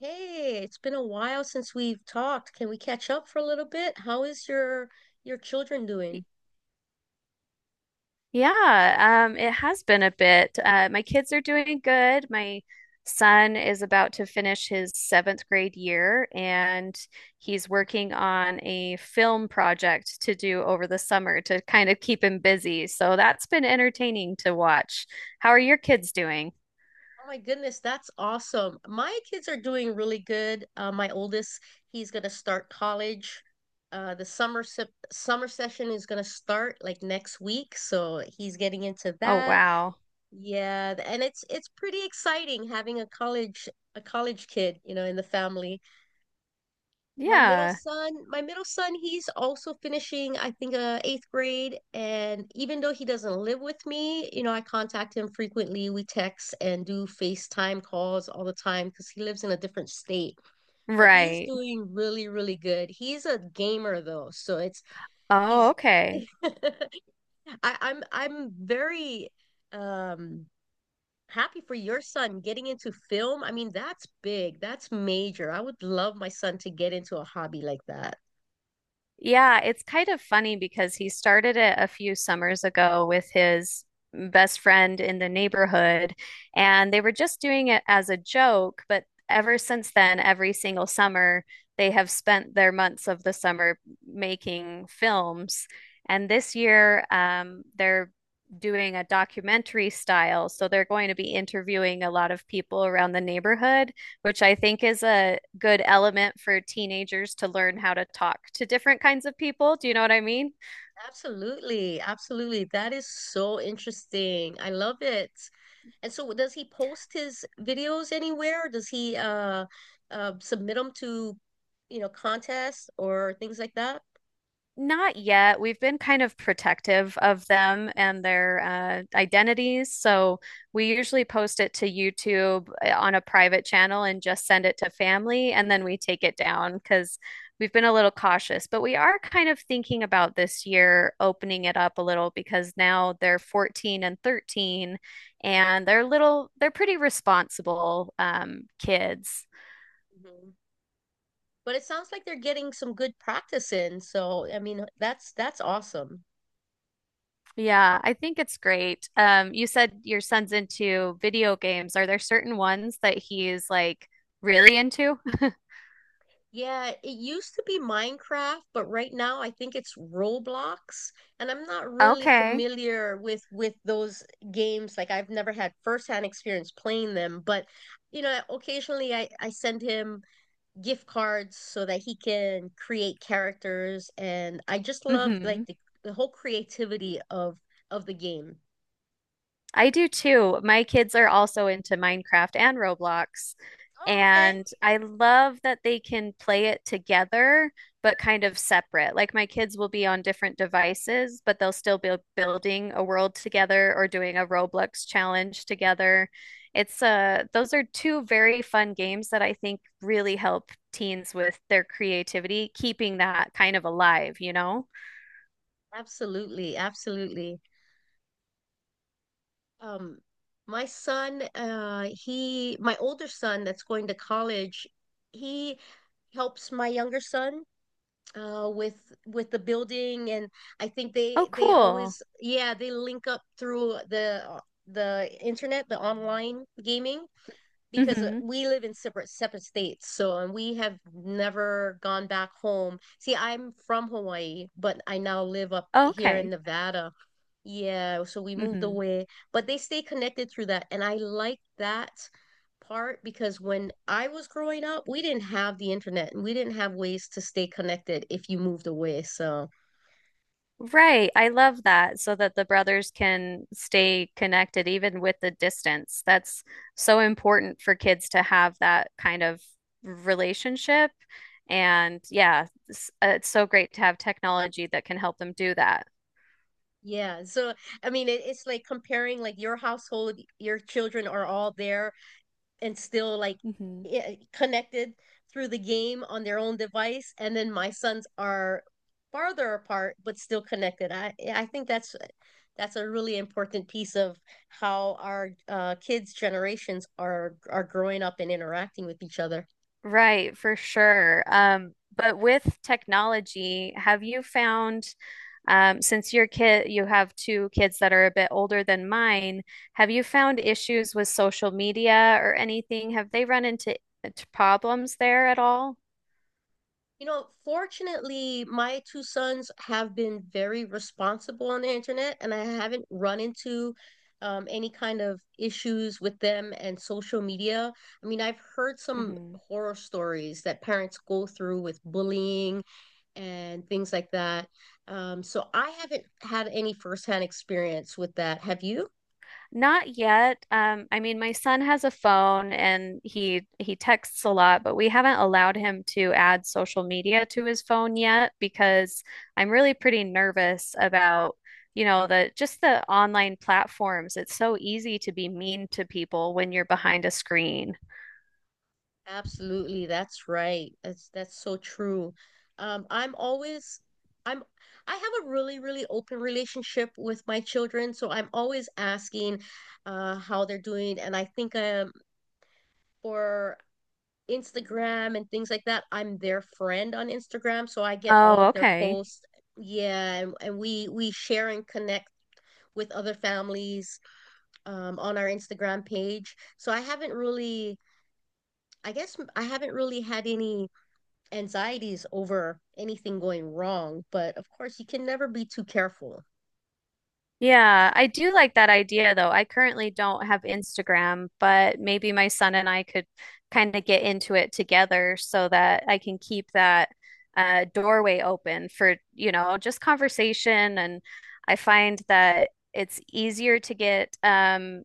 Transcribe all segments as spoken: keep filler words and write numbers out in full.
Hey, it's been a while since we've talked. Can we catch up for a little bit? How is your your children Y- doing? Yeah, um, it has been a bit. Uh, my kids are doing good. My son is about to finish his seventh grade year, and he's working on a film project to do over the summer to kind of keep him busy. So that's been entertaining to watch. How are your kids doing? Oh my goodness, that's awesome. My kids are doing really good. Uh, my oldest, he's gonna start college. Uh, the summer se summer session is gonna start like next week, so he's getting into Oh, that. wow. Yeah, and it's it's pretty exciting having a college a college kid, you know, in the family. my middle Yeah, son my middle son he's also finishing I think uh, eighth grade, and even though he doesn't live with me, you know, I contact him frequently. We text and do FaceTime calls all the time because he lives in a different state, but he's right. doing really really good. He's a gamer though, so it's Oh, he's okay. I, i'm i'm very um happy for your son getting into film. I mean, that's big, that's major. I would love my son to get into a hobby like that. Yeah, it's kind of funny because he started it a few summers ago with his best friend in the neighborhood, and they were just doing it as a joke. But ever since then, every single summer, they have spent their months of the summer making films. And this year, um, they're doing a documentary style. So they're going to be interviewing a lot of people around the neighborhood, which I think is a good element for teenagers to learn how to talk to different kinds of people. Do you know what I mean? Absolutely, absolutely. That is so interesting. I love it. And so, does he post his videos anywhere? Or does he uh, uh submit them to, you know, contests or things like that? Not yet. We've been kind of protective of them and their uh, identities. So we usually post it to YouTube uh, on a private channel and just send it to family, and then we take it down because we've been a little cautious. But we are kind of thinking about this year opening it up a little because now they're fourteen and thirteen, and they're little, they're pretty responsible um, kids. Mhm. But it sounds like they're getting some good practice in. So, I mean, that's that's awesome. Yeah, I think it's great. Um, you said your son's into video games. Are there certain ones that he's like really into? Yeah, it used to be Minecraft, but right now I think it's Roblox, and I'm not really Okay. familiar with with those games. Like, I've never had firsthand experience playing them, but you know, occasionally I I send him gift cards so that he can create characters, and I just love hmm like the the whole creativity of of the game. I do too. My kids are also into Minecraft and Roblox. Oh, okay. And I love that they can play it together, but kind of separate. Like my kids will be on different devices, but they'll still be building a world together or doing a Roblox challenge together. It's uh those are two very fun games that I think really help teens with their creativity, keeping that kind of alive, you know? Absolutely, absolutely. Um, my son, uh, he, my older son that's going to college, he helps my younger son uh, with with the building, and I think Oh, they they cool. always, yeah, they link up through the the internet, the online gaming, because uh, Mm-hmm. we live in separate separate states, so, and we have never gone back home. See, I'm from Hawaii, but I now live up Oh, here in okay. Nevada. Yeah, so we moved Mm-hmm. away, but they stay connected through that. And I like that part because when I was growing up, we didn't have the internet and we didn't have ways to stay connected if you moved away. So, Right. I love that, so that the brothers can stay connected even with the distance. That's so important for kids to have that kind of relationship. And yeah, it's, uh, it's so great to have technology that can help them do that. yeah. So, I mean, it, it's like, comparing like your household, your children are all there, and still like Hmm connected through the game on their own device, and then my sons are farther apart but still connected. I i think that's that's a really important piece of how our uh, kids' generations are are growing up and interacting with each other. Right, for sure. Um, but with technology, have you found Um, since your kid, you have two kids that are a bit older than mine, have you found issues with social media or anything? Have they run into, into problems there at all? You know, fortunately, my two sons have been very responsible on the internet, and I haven't run into um, any kind of issues with them and social media. I mean, I've heard some horror stories that parents go through with bullying and things like that. Um, so I haven't had any firsthand experience with that. Have you? Not yet. Um, I mean, my son has a phone and he he texts a lot, but we haven't allowed him to add social media to his phone yet because I'm really pretty nervous about, you know, the just the online platforms. It's so easy to be mean to people when you're behind a screen. Absolutely, that's right. That's that's so true. Um, I'm always I'm I have a really, really open relationship with my children, so I'm always asking uh how they're doing. And I think um for Instagram and things like that, I'm their friend on Instagram, so I get all Oh, of their okay. posts. Yeah, and, and we we share and connect with other families um on our Instagram page. So I haven't really, I guess I haven't really had any anxieties over anything going wrong, but of course, you can never be too careful. Yeah, I do like that idea though. I currently don't have Instagram, but maybe my son and I could kind of get into it together so that I can keep that uh, doorway open for, you know, just conversation. And I find that it's easier to get um,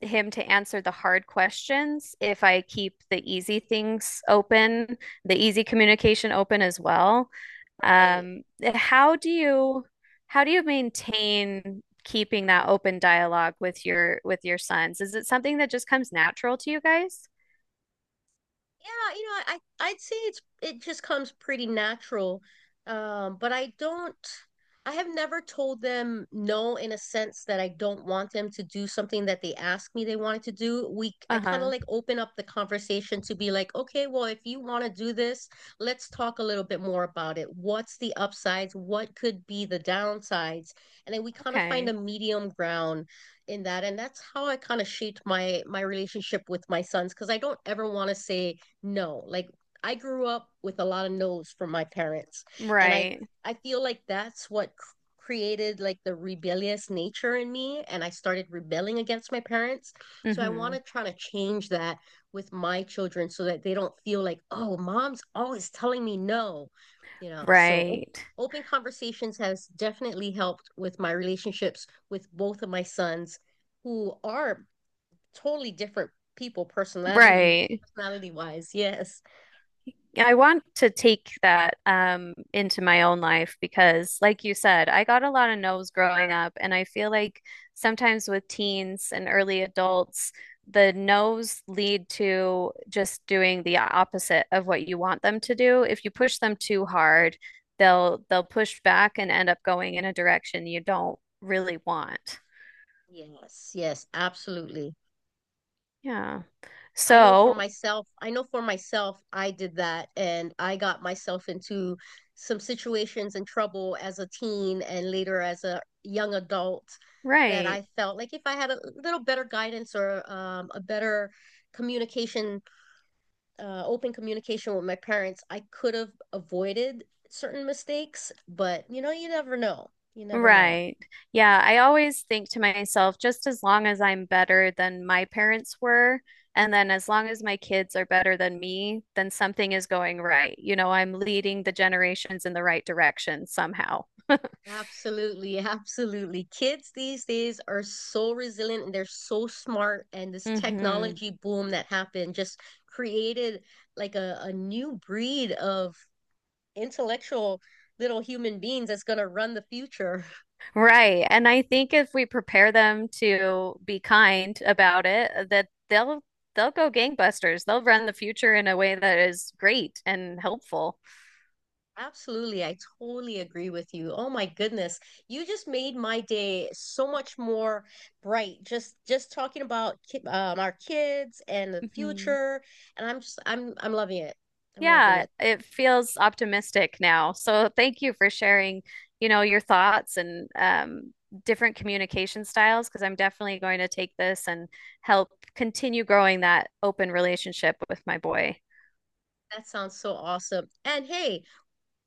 him to answer the hard questions if I keep the easy things open, the easy communication open as well. Right. Um, how do you how do you maintain keeping that open dialogue with your with your sons? Is it something that just comes natural to you guys? Yeah, you know, I I'd say it's it just comes pretty natural. Um, but I don't I have never told them no in a sense that I don't want them to do something that they ask me they wanted to do. We I kind of Uh-huh. like open up the conversation to be like, okay, well, if you want to do this, let's talk a little bit more about it. What's the upsides? What could be the downsides? And then we kind of find a Okay. medium ground in that. And that's how I kind of shaped my my relationship with my sons, because I don't ever want to say no. Like, I grew up with a lot of no's from my parents, and i Right. i feel like that's what c- created like the rebellious nature in me, and I started rebelling against my parents. So I want Mm-hmm. to try to change that with my children, so that they don't feel like, oh, mom's always telling me no, you know. So op- Right. open conversations has definitely helped with my relationships with both of my sons, who are totally different people, personality Right. personality wise. Yes. Yeah, I want to take that um, into my own life because, like you said, I got a lot of no's growing up. And I feel like sometimes with teens and early adults, the no's lead to just doing the opposite of what you want them to do. If you push them too hard, they'll they'll push back and end up going in a direction you don't really want. Yes, yes, absolutely. Yeah. I know for So, myself, I know for myself, I did that, and I got myself into some situations and trouble as a teen and later as a young adult, that right. I felt like if I had a little better guidance, or um, a better communication, uh, open communication with my parents, I could have avoided certain mistakes. But you know, you never know. You never know. Right. Yeah, I always think to myself, just as long as I'm better than my parents were, and then as long as my kids are better than me, then something is going right. You know, I'm leading the generations in the right direction somehow. Absolutely, absolutely. Kids these days are so resilient and they're so smart. And this Hmm technology boom that happened just created like a, a new breed of intellectual little human beings that's going to run the future. Right. And I think if we prepare them to be kind about it, uh, that they'll they'll go gangbusters. They'll run the future in a way that is great and helpful. Absolutely. I totally agree with you. Oh my goodness. You just made my day so much more bright. Just just talking about ki- um, our kids and the Mhm. future. And I'm just I'm I'm loving it. I'm loving Yeah, it. it feels optimistic now. So thank you for sharing, you know, your thoughts and um, different communication styles, because I'm definitely going to take this and help continue growing that open relationship with my boy. That sounds so awesome. And hey,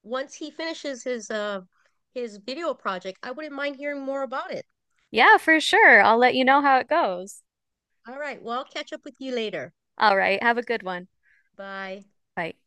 once he finishes his uh his video project, I wouldn't mind hearing more about it. Yeah, for sure. I'll let you know how it goes. All right, well, I'll catch up with you later. All right. Have a good one. Bye. Bye.